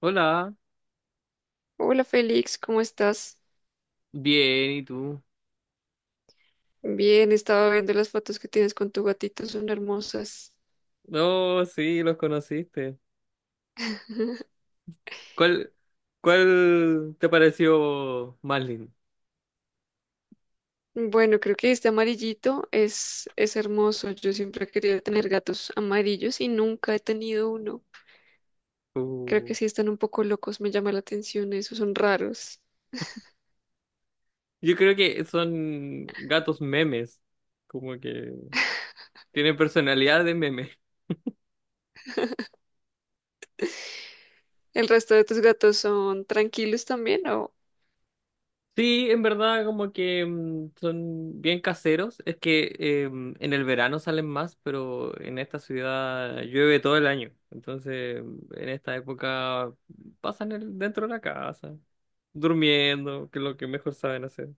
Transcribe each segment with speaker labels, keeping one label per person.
Speaker 1: Hola,
Speaker 2: Hola Félix, ¿cómo estás?
Speaker 1: bien, ¿y tú?
Speaker 2: Bien, estaba viendo las fotos que tienes con tu gatito, son hermosas.
Speaker 1: No, sí, los conociste. ¿Cuál, cuál te pareció más lindo?
Speaker 2: Bueno, creo que este amarillito es hermoso. Yo siempre he querido tener gatos amarillos y nunca he tenido uno. Creo
Speaker 1: Uh,
Speaker 2: que sí están un poco locos, me llama la atención. Esos son raros.
Speaker 1: yo creo que son gatos memes, como que tienen personalidad de meme.
Speaker 2: ¿El resto de tus gatos son tranquilos también o...?
Speaker 1: Sí, en verdad como que son bien caseros. Es que en el verano salen más, pero en esta ciudad llueve todo el año. Entonces, en esta época pasan dentro de la casa, durmiendo, que es lo que mejor saben hacer.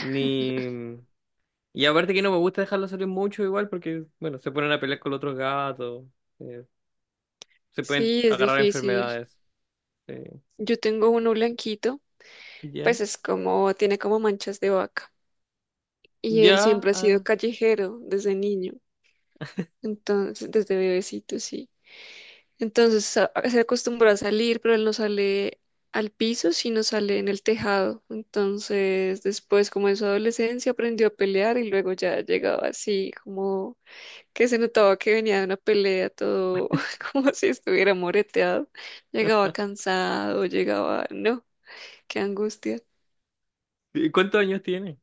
Speaker 1: Ni... mm, Y aparte que no me gusta dejarlos salir mucho igual porque, bueno, se ponen a pelear con los otros gatos, eh, se pueden
Speaker 2: Sí, es
Speaker 1: agarrar
Speaker 2: difícil.
Speaker 1: enfermedades. eh,
Speaker 2: Yo tengo uno blanquito,
Speaker 1: ¿Ya?
Speaker 2: pues es como, tiene como manchas de vaca. Y él
Speaker 1: ¿Ya?
Speaker 2: siempre ha sido
Speaker 1: Ah,
Speaker 2: callejero desde niño. Entonces, desde bebecito, sí. Entonces se acostumbró a salir, pero él no sale al piso, sino sale en el tejado. Entonces, después, como en su adolescencia, aprendió a pelear y luego ya llegaba así, como que se notaba que venía de una pelea, todo como si estuviera moreteado. Llegaba cansado, llegaba, no, qué angustia.
Speaker 1: ¿cuántos años tiene?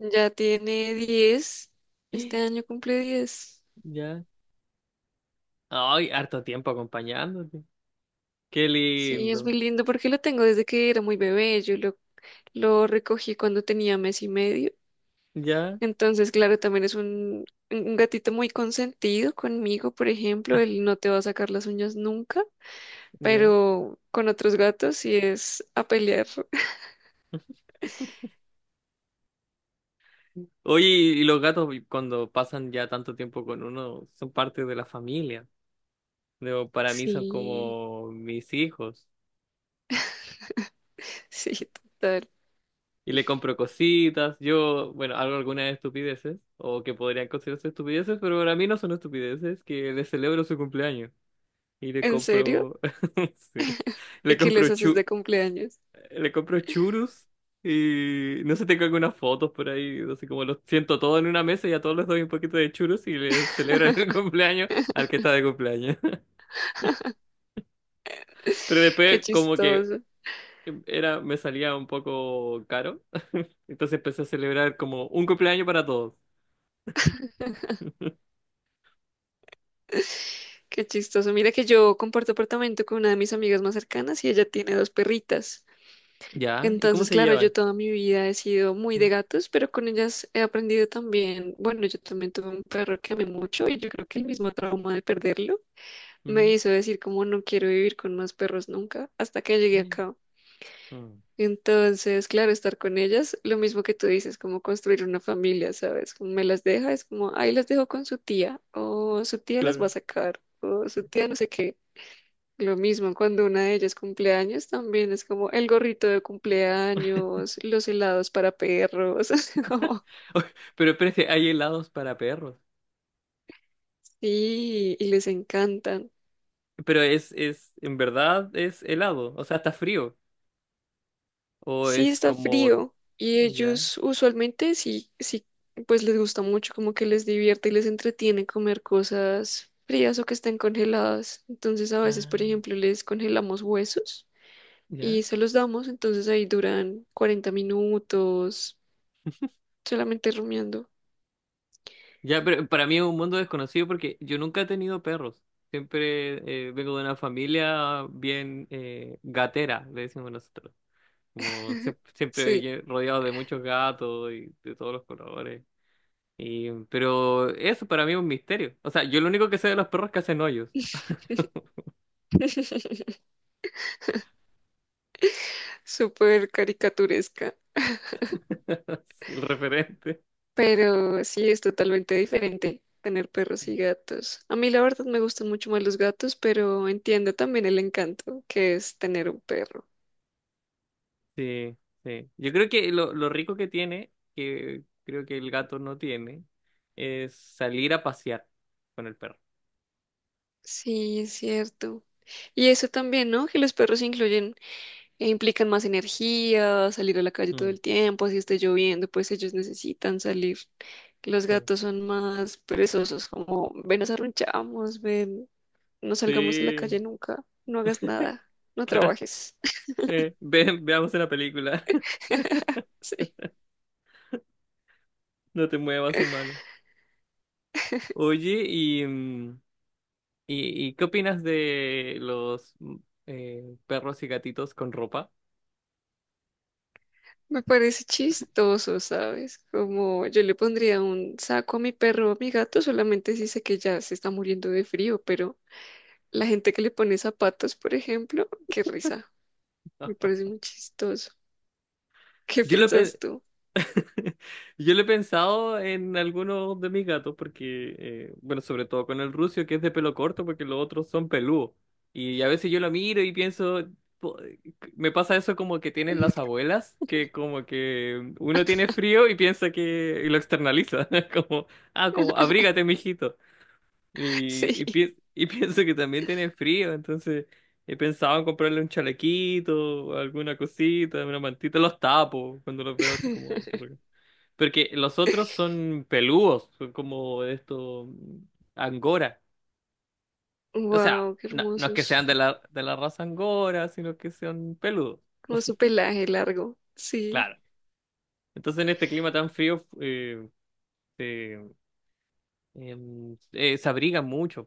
Speaker 2: Ya tiene 10. Este año cumple 10.
Speaker 1: ¿Ya? Ay, harto tiempo acompañándote. Qué
Speaker 2: Sí, es muy
Speaker 1: lindo.
Speaker 2: lindo porque lo tengo desde que era muy bebé. Yo lo recogí cuando tenía mes y medio.
Speaker 1: Ya,
Speaker 2: Entonces, claro, también es un gatito muy consentido conmigo, por ejemplo. Él no te va a sacar las uñas nunca,
Speaker 1: ya.
Speaker 2: pero con otros gatos sí es a pelear.
Speaker 1: Oye, y los gatos cuando pasan ya tanto tiempo con uno son parte de la familia. Digo, para mí son
Speaker 2: Sí,
Speaker 1: como mis hijos.
Speaker 2: sí, total.
Speaker 1: Y le compro cositas. Yo, bueno, hago algunas estupideces o que podrían considerarse estupideces, pero para mí no son estupideces, que le celebro su cumpleaños. Y le
Speaker 2: ¿En serio?
Speaker 1: compro, sí,
Speaker 2: ¿Y
Speaker 1: le
Speaker 2: qué
Speaker 1: compro
Speaker 2: les haces
Speaker 1: chu-
Speaker 2: de cumpleaños?
Speaker 1: le compro churros y no sé, tengo algunas fotos por ahí, no sé, como los siento todos en una mesa y a todos les doy un poquito de churros y le celebran el cumpleaños al que está de cumpleaños. Pero
Speaker 2: Qué
Speaker 1: después como que
Speaker 2: chistoso,
Speaker 1: era, me salía un poco caro, entonces empecé a celebrar como un cumpleaños para todos.
Speaker 2: qué chistoso. Mira que yo comparto apartamento con una de mis amigas más cercanas y ella tiene dos perritas.
Speaker 1: ¿Ya? ¿Y cómo
Speaker 2: Entonces,
Speaker 1: se
Speaker 2: claro, yo
Speaker 1: llevan?
Speaker 2: toda mi vida he sido muy de
Speaker 1: Mm,
Speaker 2: gatos, pero con ellas he aprendido también, bueno, yo también tuve un perro que amé mucho y yo creo que el mismo trauma de perderlo me
Speaker 1: mm,
Speaker 2: hizo decir como no quiero vivir con más perros nunca hasta que llegué acá.
Speaker 1: mm.
Speaker 2: Entonces, claro, estar con ellas, lo mismo que tú dices, como construir una familia, ¿sabes? Como me las deja, es como, ahí las dejo con su tía, o su tía las va a
Speaker 1: Claro.
Speaker 2: sacar, o su tía no sé qué. Lo mismo cuando una de ellas cumpleaños también es como el gorrito de cumpleaños, los helados para perros. así como,
Speaker 1: Pero espérate, hay helados para perros.
Speaker 2: sí, y les encantan.
Speaker 1: Pero es, en verdad es helado, o sea, está frío. O
Speaker 2: Sí,
Speaker 1: es
Speaker 2: está
Speaker 1: como,
Speaker 2: frío y
Speaker 1: ¿ya?
Speaker 2: ellos usualmente sí, sí, pues les gusta mucho, como que les divierte y les entretiene comer cosas frías o que estén congeladas. Entonces a veces, por
Speaker 1: Ah,
Speaker 2: ejemplo, les congelamos huesos
Speaker 1: ya.
Speaker 2: y se los damos, entonces ahí duran 40 minutos solamente rumiando.
Speaker 1: Ya, pero para mí es un mundo desconocido porque yo nunca he tenido perros. Siempre vengo de una familia bien gatera, le decimos nosotros. Como siempre,
Speaker 2: Sí.
Speaker 1: rodeado de muchos gatos y de todos los colores. Y, pero eso para mí es un misterio. O sea, yo lo único que sé de los perros es que hacen hoyos.
Speaker 2: Súper caricaturesca,
Speaker 1: Sí, el referente.
Speaker 2: pero sí es totalmente diferente tener perros y gatos. A mí la verdad me gustan mucho más los gatos, pero entiendo también el encanto que es tener un perro.
Speaker 1: Sí, sí. Yo creo que lo rico que tiene, que creo que el gato no tiene, es salir a pasear con el perro.
Speaker 2: Sí, es cierto. Y eso también, ¿no? Que los perros incluyen e implican más energía, salir a la calle todo el tiempo, si esté lloviendo, pues ellos necesitan salir. Los
Speaker 1: Claro.
Speaker 2: gatos son más perezosos, como ven, nos arrunchamos, ven, no salgamos a la
Speaker 1: Sí.
Speaker 2: calle nunca, no hagas nada, no trabajes.
Speaker 1: Veamos la película.
Speaker 2: Sí,
Speaker 1: No te muevas, humano. Oye, y ¿qué opinas de los perros y gatitos con ropa?
Speaker 2: me parece chistoso, ¿sabes? Como yo le pondría un saco a mi perro o a mi gato, solamente si sé que ya se está muriendo de frío, pero la gente que le pone zapatos, por ejemplo, qué risa, me parece muy chistoso. ¿Qué
Speaker 1: Yo lo,
Speaker 2: piensas
Speaker 1: pe-
Speaker 2: tú?
Speaker 1: Yo lo he pensado en algunos de mis gatos, porque, bueno, sobre todo con el rucio, que es de pelo corto, porque los otros son peludos. Y a veces yo lo miro y pienso, po- me pasa eso como que tienen las abuelas, que como que uno tiene frío y piensa que, y lo externaliza, como, ah, como, abrígate, mijito.
Speaker 2: Sí.
Speaker 1: Y pienso que también tienen frío, entonces he pensado en comprarle un chalequito, alguna cosita, una mantita, los tapo cuando los veo así como... Porque los otros son peludos, son como esto angora. O sea,
Speaker 2: Wow, qué
Speaker 1: no, no es que
Speaker 2: hermosos.
Speaker 1: sean de la, raza angora, sino que sean peludos,
Speaker 2: Como su pelaje largo. Sí.
Speaker 1: claro. Entonces en este clima tan frío se, se abrigan mucho,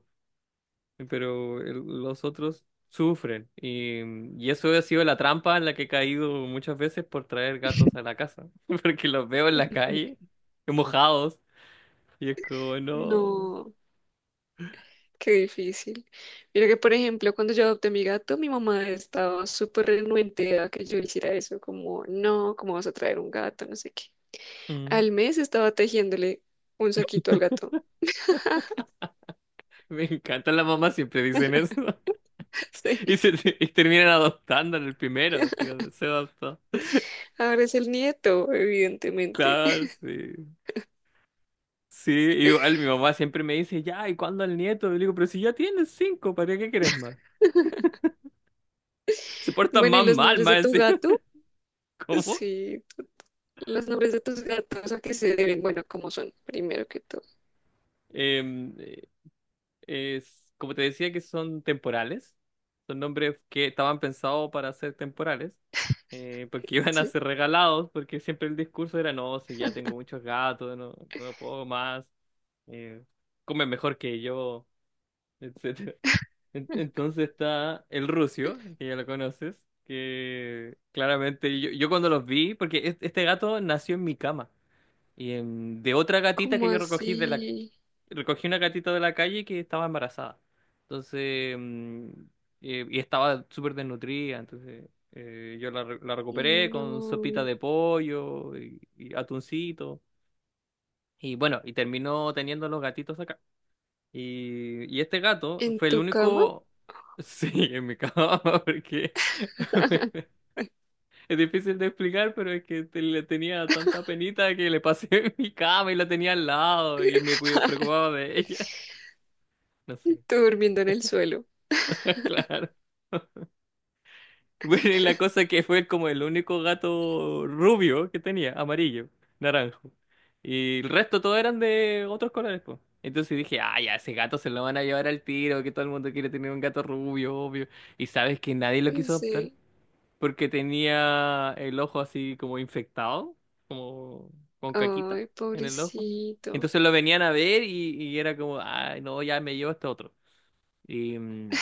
Speaker 1: pero los otros sufren. Y eso ha sido la trampa en la que he caído muchas veces por traer gatos a la casa, porque los veo en la calle, mojados, y es como,
Speaker 2: No. Qué difícil. Mira que, por ejemplo, cuando yo adopté a mi gato, mi mamá estaba súper renuente a que yo hiciera eso, como, no, ¿cómo vas a traer un gato? No sé qué.
Speaker 1: no.
Speaker 2: Al mes estaba tejiéndole un saquito al gato.
Speaker 1: Me encanta, las mamás siempre dicen eso. Y,
Speaker 2: Sí.
Speaker 1: se, y terminan adoptando en el primero, sí, se adoptó.
Speaker 2: Ahora es el nieto, evidentemente.
Speaker 1: Claro, sí. Sí, igual mi mamá siempre me dice, ya, ¿y cuándo el nieto? Y le digo, pero si ya tienes cinco, ¿para qué quieres más? Se portan
Speaker 2: Bueno, ¿y
Speaker 1: más
Speaker 2: los
Speaker 1: mal,
Speaker 2: nombres de
Speaker 1: más
Speaker 2: tu
Speaker 1: encima.
Speaker 2: gato?
Speaker 1: ¿Cómo?
Speaker 2: Sí, los nombres de tus gatos, ¿a qué se deben? Bueno, ¿cómo son? Primero que todo,
Speaker 1: Em, eh, Como te decía que son temporales, son nombres que estaban pensados para ser temporales, porque iban a
Speaker 2: ¿sí?
Speaker 1: ser regalados, porque siempre el discurso era, no, si ya tengo muchos gatos, no, no puedo más. eh, Come mejor que yo, etcétera. Entonces está el Rusio, que ya lo conoces, que claramente yo cuando los vi, porque este gato nació en mi cama, y de otra gatita
Speaker 2: ¿Cómo
Speaker 1: que yo
Speaker 2: así?
Speaker 1: recogí una gatita de la calle que estaba embarazada. Entonces, y estaba súper desnutrida, entonces yo la recuperé con sopita
Speaker 2: No.
Speaker 1: de pollo y atuncito. Y bueno, y terminó teniendo los gatitos y este gato
Speaker 2: ¿En
Speaker 1: fue el
Speaker 2: tu cama?
Speaker 1: único... Sí, en mi cama, porque es difícil de explicar, pero es que le tenía tanta penita que le pasé en mi cama y la tenía al lado y me preocupaba de ella. No sé,
Speaker 2: Tú durmiendo en el suelo.
Speaker 1: claro. Bueno, y la cosa que fue como el único gato rubio que tenía, amarillo, naranjo. Y el resto todos eran de otros colores, pues. Entonces dije, ah, ya, ese gato se lo van a llevar al tiro, que todo el mundo quiere tener un gato rubio, obvio. Y sabes que nadie lo quiso adoptar,
Speaker 2: Sí.
Speaker 1: porque tenía el ojo así como infectado, como con caquita
Speaker 2: Ay,
Speaker 1: en el ojo.
Speaker 2: pobrecito.
Speaker 1: Entonces lo venían a ver y era como, ah, no, ya me llevo este otro. Y, mm,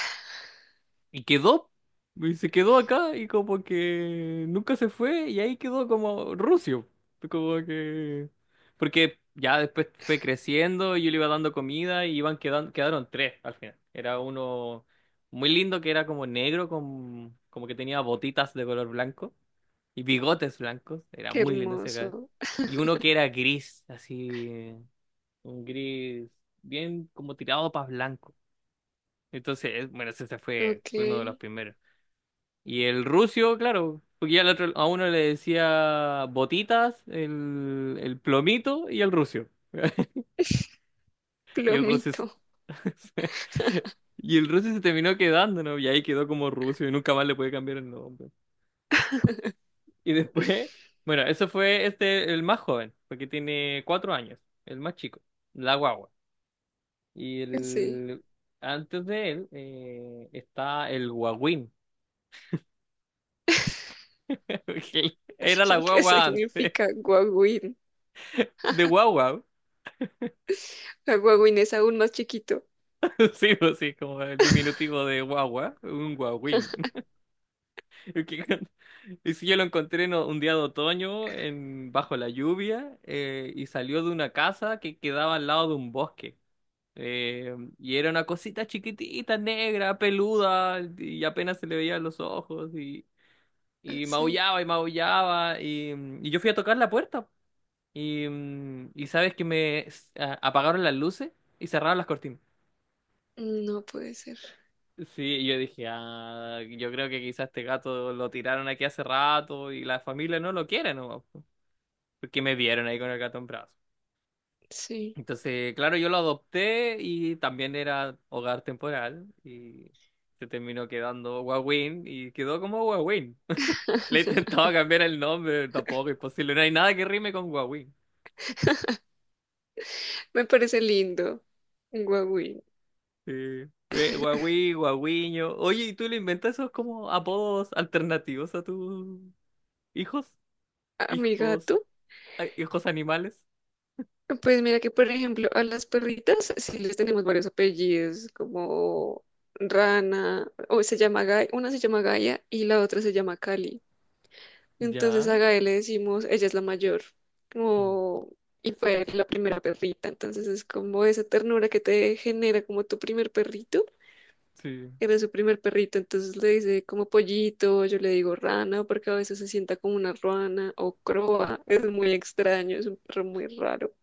Speaker 1: y quedó, y se quedó acá y como que nunca se fue y ahí quedó como rucio. Como que... Porque ya después fue creciendo y yo le iba dando comida y iban quedando, quedaron tres al final. Era uno muy lindo que era como negro, con, como que tenía botitas de color blanco y bigotes blancos. Era
Speaker 2: Qué
Speaker 1: muy lindo ese gato.
Speaker 2: hermoso.
Speaker 1: Y uno que era gris, así, un gris bien como tirado para blanco. Entonces, bueno, ese se fue,
Speaker 2: Ok.
Speaker 1: fue uno de los primeros. Y el rucio, claro, porque ya a uno le decía botitas, el plomito y el rucio. Y el rucio se-
Speaker 2: Plomito.
Speaker 1: y el rucio se terminó quedando, ¿no? Y ahí quedó como rucio y nunca más le puede cambiar el nombre. Y después, bueno, eso fue este, el más joven, porque tiene 4 años, el más chico, la guagua. Y
Speaker 2: Sí.
Speaker 1: el, Antes de él está el guagüín, que era la
Speaker 2: ¿Qué
Speaker 1: guagua antes,
Speaker 2: significa guagüín?
Speaker 1: de guagua.
Speaker 2: Ah, guagüín es aún más chiquito.
Speaker 1: Sí, pues sí, como el diminutivo de guagua, un guagüín. Es Que- con- Y si yo lo encontré un día de otoño bajo la lluvia y salió de una casa que quedaba al lado de un bosque. Y era una cosita chiquitita, negra, peluda, y apenas se le veían los ojos y,
Speaker 2: Ah,
Speaker 1: y
Speaker 2: sí.
Speaker 1: maullaba y maullaba. Y yo fui a tocar la puerta y sabes que me apagaron las luces y cerraron las cortinas.
Speaker 2: No puede ser.
Speaker 1: Sí, yo dije, ah, yo creo que quizás este gato lo tiraron aquí hace rato y la familia no lo quiere, ¿no? Porque me vieron ahí con el gato en brazos.
Speaker 2: Sí.
Speaker 1: Entonces, claro, yo lo adopté y también era hogar temporal y se terminó quedando Wawin y quedó como Wawin. Le intentaba cambiar el nombre, tampoco es posible, no hay nada que rime con Wawin.
Speaker 2: Me parece lindo. Un guagüín.
Speaker 1: Sí. Wawi, Wawiño. Oye, ¿y tú le inventas esos como apodos alternativos a tus hijos?
Speaker 2: A mi
Speaker 1: Hijos.
Speaker 2: gato.
Speaker 1: Ay, ojos animales.
Speaker 2: Pues mira que, por ejemplo, a las perritas sí les tenemos varios apellidos, como Rana, o se llama Gaia, una se llama Gaia y la otra se llama Cali. Entonces a
Speaker 1: Ya.
Speaker 2: Gael le decimos, ella es la mayor,
Speaker 1: Ah,
Speaker 2: como, y fue la primera perrita. Entonces es como esa ternura que te genera como tu primer perrito.
Speaker 1: sí.
Speaker 2: Era su primer perrito, entonces le dice como pollito, yo le digo rana, porque a veces se sienta como una ruana o croa. Es muy extraño, es un perro muy raro.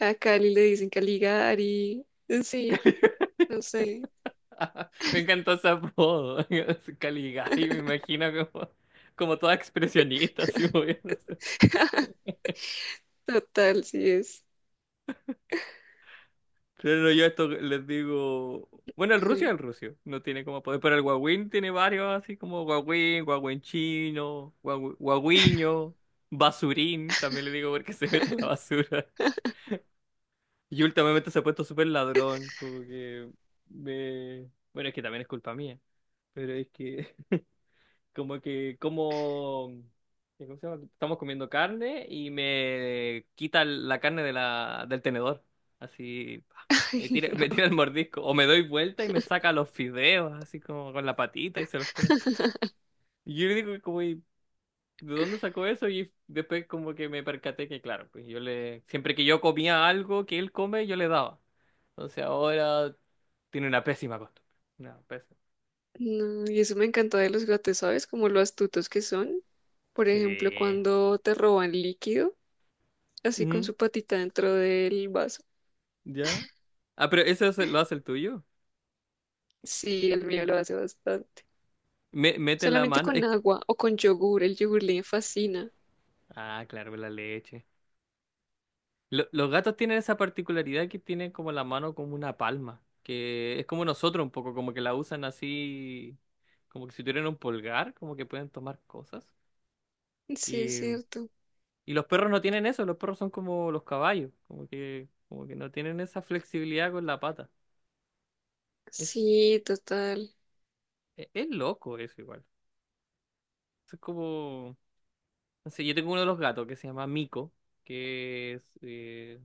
Speaker 2: A Cali le dicen Caligari. Sí,
Speaker 1: Cali-
Speaker 2: no sé.
Speaker 1: Me encantó ese apodo. Caligari, me imagino como, como toda expresionista, así moviéndose.
Speaker 2: Total, sí es.
Speaker 1: Pero no, yo esto les digo. Bueno, el rucio es
Speaker 2: Ay,
Speaker 1: el rucio. No tiene como poder. Pero el guagüín tiene varios, así como guagüín, guagüín chino, guagüiño, basurín. También le digo porque se mete en la basura. Y últimamente se ha puesto súper ladrón, como que me... Bueno, es que también es culpa mía, pero es que como que como... ¿Cómo se llama? Estamos comiendo carne y me quita la carne de del tenedor. Así, pa,
Speaker 2: ay,
Speaker 1: me
Speaker 2: no.
Speaker 1: tira el mordisco. O me doy vuelta y me saca los fideos, así como con la patita y se los come. Y yo le digo como, de dónde sacó eso y después como que me percaté que, claro, pues siempre que yo comía algo que él come, yo le daba. Entonces ahora tiene una pésima costumbre. Una pésima.
Speaker 2: No, y eso me encanta de los gatos, ¿sabes? Como lo astutos que son. Por ejemplo,
Speaker 1: Sí.
Speaker 2: cuando te roban líquido, así con
Speaker 1: Ujú.
Speaker 2: su patita dentro del vaso.
Speaker 1: ¿Ya? Ah, pero eso lo hace el tuyo.
Speaker 2: Sí, el mío lo hace bastante.
Speaker 1: Mete la
Speaker 2: Solamente
Speaker 1: mano.
Speaker 2: con agua o con yogur, el yogur le fascina.
Speaker 1: Ah, claro, la leche. Los gatos tienen esa particularidad que tienen como la mano como una palma, que es como nosotros un poco, como que la usan así, como que si tuvieran un pulgar, como que pueden tomar cosas.
Speaker 2: Sí, es
Speaker 1: y
Speaker 2: cierto.
Speaker 1: Y los perros no tienen eso, los perros son como los caballos, como que, no tienen esa flexibilidad con la pata. Es,
Speaker 2: Sí, total.
Speaker 1: es, loco eso igual. Es como, no sé, yo tengo uno de los gatos que se llama Mico, que es, eh,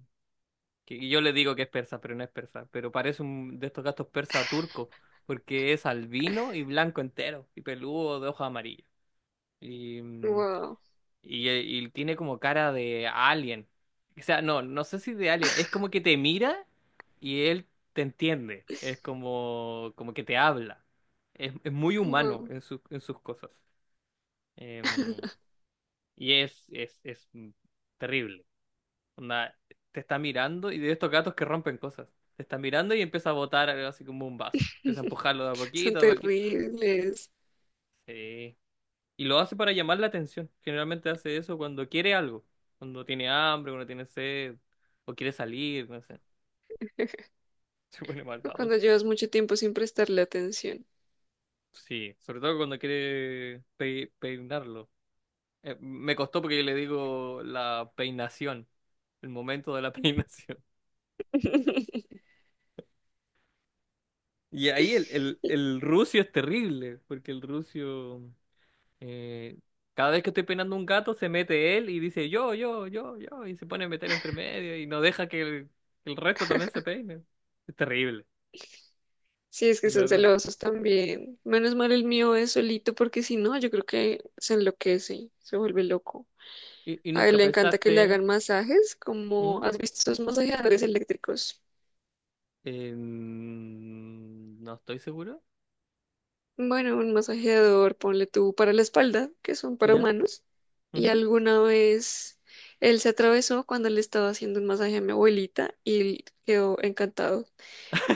Speaker 1: que yo le digo que es persa, pero no es persa, pero parece un de estos gatos persa turco, porque es albino y blanco entero, y peludo de hoja amarilla. Y,
Speaker 2: Wow,
Speaker 1: Y tiene como cara de alien. O sea, no, no sé si de alien. Es como que te mira y él te entiende. Es como, como que te habla. Es muy humano
Speaker 2: wow.
Speaker 1: en en sus cosas. Em, es terrible. Onda, te está mirando y de estos gatos que rompen cosas. Te está mirando y empieza a botar algo así como un vaso. Empieza a empujarlo de a
Speaker 2: Son
Speaker 1: poquito, de a poquito.
Speaker 2: terribles.
Speaker 1: Sí. Y lo hace para llamar la atención. Generalmente hace eso cuando quiere algo. Cuando tiene hambre, cuando tiene sed, o quiere salir, no sé. Se pone
Speaker 2: O
Speaker 1: maldadoso.
Speaker 2: cuando llevas mucho tiempo sin prestarle atención.
Speaker 1: Sí, sobre todo cuando quiere peinarlo. Me costó porque yo le digo la peinación, el momento de la peinación. Y ahí el rucio es terrible, porque el rucio Eh, cada vez que estoy peinando un gato, se mete él y dice yo, y se pone a meter entre medio y no deja que que el resto también se peine. Es terrible,
Speaker 2: Sí, es que
Speaker 1: en
Speaker 2: son
Speaker 1: verdad.
Speaker 2: celosos también. Menos mal el mío es solito porque si no, yo creo que se enloquece, se vuelve loco.
Speaker 1: ¿Y
Speaker 2: A él
Speaker 1: nunca
Speaker 2: le encanta que le hagan
Speaker 1: pensaste?
Speaker 2: masajes, como
Speaker 1: ¿Mm?
Speaker 2: has visto esos masajeadores eléctricos.
Speaker 1: No estoy seguro.
Speaker 2: Bueno, un masajeador, ponle tú para la espalda, que son para
Speaker 1: ¿Ya?
Speaker 2: humanos. Y
Speaker 1: Ujú.
Speaker 2: alguna vez él se atravesó cuando le estaba haciendo un masaje a mi abuelita y él quedó encantado.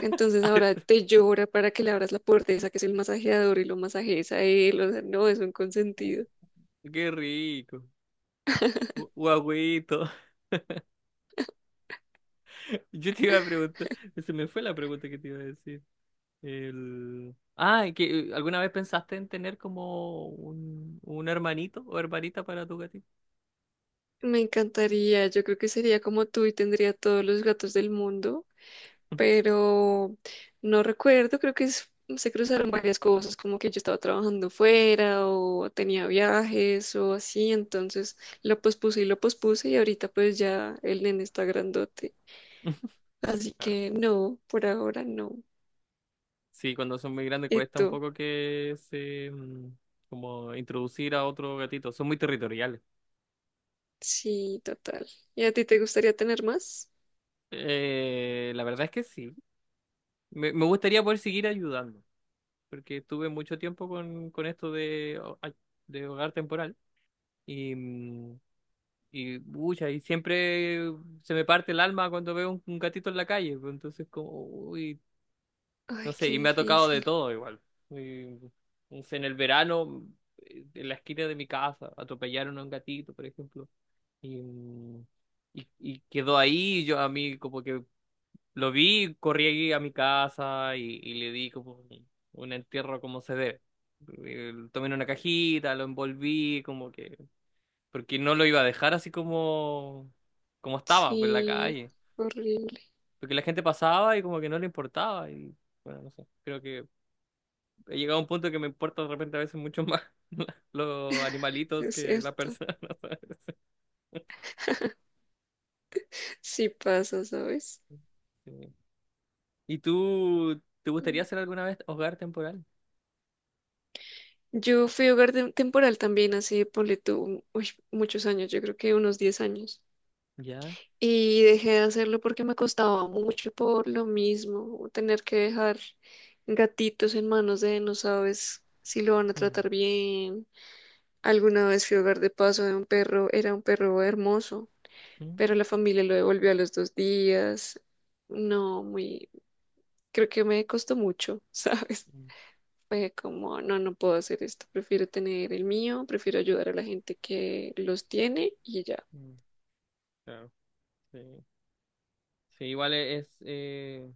Speaker 2: Entonces ahora te llora para que le abras la puerta, esa que es el masajeador y lo masajes a él. O sea, no, es un consentido.
Speaker 1: Qué rico. Guagüito. Yo te iba a preguntar, se me fue la pregunta que te iba a decir. Ah, ¿y que alguna vez pensaste en tener como un hermanito o hermanita para tu gatito?
Speaker 2: Me encantaría, yo creo que sería como tú y tendría todos los gatos del mundo, pero no recuerdo, creo que se cruzaron varias cosas, como que yo estaba trabajando fuera o tenía viajes o así, entonces lo pospuse y ahorita pues ya el nene está grandote, así que no, por ahora no.
Speaker 1: Sí, cuando son muy grandes
Speaker 2: ¿Y
Speaker 1: cuesta un
Speaker 2: tú?
Speaker 1: poco que se, como introducir a otro gatito. Son muy territoriales.
Speaker 2: Sí, total. ¿Y a ti te gustaría tener más?
Speaker 1: La verdad es que sí. Me gustaría poder seguir ayudando, porque estuve mucho tiempo con esto de, ay, de hogar temporal y, pucha, y siempre se me parte el alma cuando veo un gatito en la calle, pues, entonces como, uy, no
Speaker 2: Ay,
Speaker 1: sé,
Speaker 2: qué
Speaker 1: y me ha tocado de
Speaker 2: difícil.
Speaker 1: todo igual. Y, no sé, en el verano, en la esquina de mi casa, atropellaron a un gatito, por ejemplo. Y, mm, y quedó ahí, yo a mí como que lo vi, corrí a mi casa y le di como un entierro como se debe. Lo tomé en una cajita, lo envolví, como que... Porque no lo iba a dejar así como, como estaba, pues, en la
Speaker 2: Sí,
Speaker 1: calle.
Speaker 2: horrible,
Speaker 1: Porque la gente pasaba y como que no le importaba. Y bueno, no sé, creo que he llegado a un punto que me importa de repente a veces mucho más los animalitos
Speaker 2: es
Speaker 1: que las
Speaker 2: cierto.
Speaker 1: personas, ¿sabes?
Speaker 2: Sí pasa, ¿sabes?
Speaker 1: Sí. ¿Y tú, te gustaría
Speaker 2: Mm.
Speaker 1: hacer alguna vez hogar temporal?
Speaker 2: Yo fui hogar temporal también hace, ponle tú, uy, muchos años, yo creo que unos 10 años.
Speaker 1: Ya.
Speaker 2: Y dejé de hacerlo porque me costaba mucho por lo mismo, tener que dejar gatitos en manos de no sabes si lo van a
Speaker 1: Mm,
Speaker 2: tratar bien. Alguna vez fui hogar de paso de un perro, era un perro hermoso,
Speaker 1: mm,
Speaker 2: pero la familia lo devolvió a los 2 días. No, creo que me costó mucho, ¿sabes?
Speaker 1: mm,
Speaker 2: Fue como, no, no puedo hacer esto, prefiero tener el mío, prefiero ayudar a la gente que los tiene y ya.
Speaker 1: mm. Claro. Sí. Sí, igual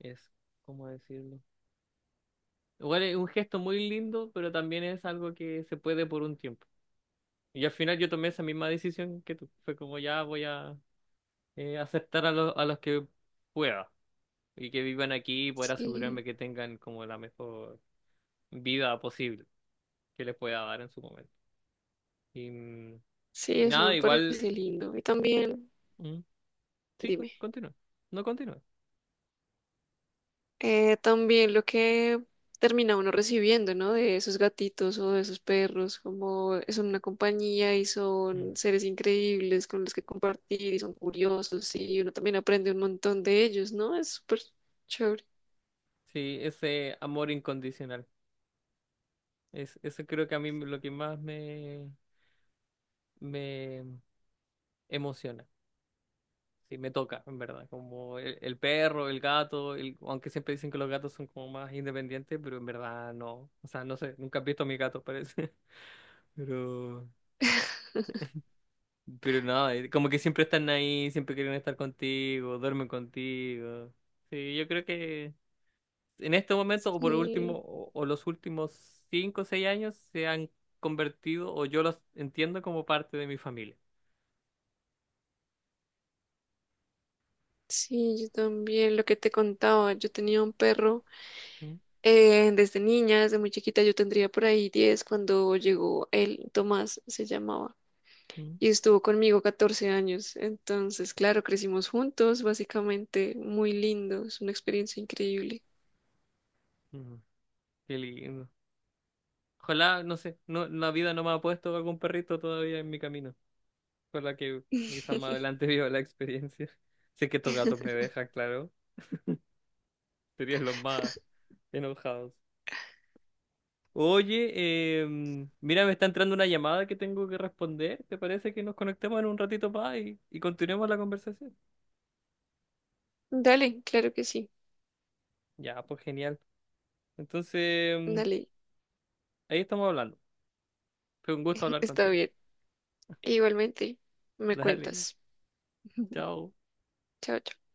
Speaker 1: es, ¿cómo decirlo? Igual es un gesto muy lindo, pero también es algo que se puede por un tiempo. Y al final yo tomé esa misma decisión que tú. Fue como ya voy a aceptar a los que pueda, y que vivan aquí y poder asegurarme
Speaker 2: Sí,
Speaker 1: que tengan como la mejor vida posible que les pueda dar en su momento. Y,
Speaker 2: sí,
Speaker 1: y
Speaker 2: eso
Speaker 1: nada,
Speaker 2: me
Speaker 1: igual,
Speaker 2: parece lindo. Y también,
Speaker 1: mm, sí,
Speaker 2: dime,
Speaker 1: continúa, no continúa.
Speaker 2: también lo que termina uno recibiendo, ¿no? De esos gatitos o de esos perros, como son una compañía y
Speaker 1: Mm.
Speaker 2: son seres increíbles con los que compartir y son curiosos y uno también aprende un montón de ellos, ¿no? Es súper chévere.
Speaker 1: Sí, ese amor incondicional. Es, eso creo que a mí lo que más me, me emociona. Sí, me toca, en verdad. Como el perro, el gato, el- aunque siempre dicen que los gatos son como más independientes, pero en verdad no. O sea, no sé, nunca he visto a mi gato, parece. Pero Pero no, como que siempre están ahí, siempre quieren estar contigo, duermen contigo. Sí, yo creo que en este momento, o por último,
Speaker 2: Sí.
Speaker 1: o los últimos 5 o 6 años, se han convertido, o yo los entiendo como parte de mi familia.
Speaker 2: Sí, yo también, lo que te contaba, yo tenía un perro
Speaker 1: Mm,
Speaker 2: desde niña, desde muy chiquita, yo tendría por ahí 10 cuando llegó él, Tomás se llamaba,
Speaker 1: mm,
Speaker 2: y estuvo conmigo 14 años, entonces, claro, crecimos juntos, básicamente, muy lindo, es una experiencia increíble.
Speaker 1: mm. Qué lindo. Ojalá, no sé, no, la vida no me ha puesto algún perrito todavía en mi camino. Ojalá que quizás más adelante viva la experiencia. Sé que estos gatos me dejan, claro. Serían los más enojados. Oye, mira, me está entrando una llamada que tengo que responder. ¿Te parece que nos conectemos en un ratito más y continuemos la conversación?
Speaker 2: Dale, claro que sí,
Speaker 1: Ya, pues genial. Entonces, em,
Speaker 2: dale,
Speaker 1: ahí estamos hablando. Fue un gusto hablar
Speaker 2: está
Speaker 1: contigo.
Speaker 2: bien. Igualmente, me
Speaker 1: Dale,
Speaker 2: cuentas.
Speaker 1: chao.
Speaker 2: Chao, chao.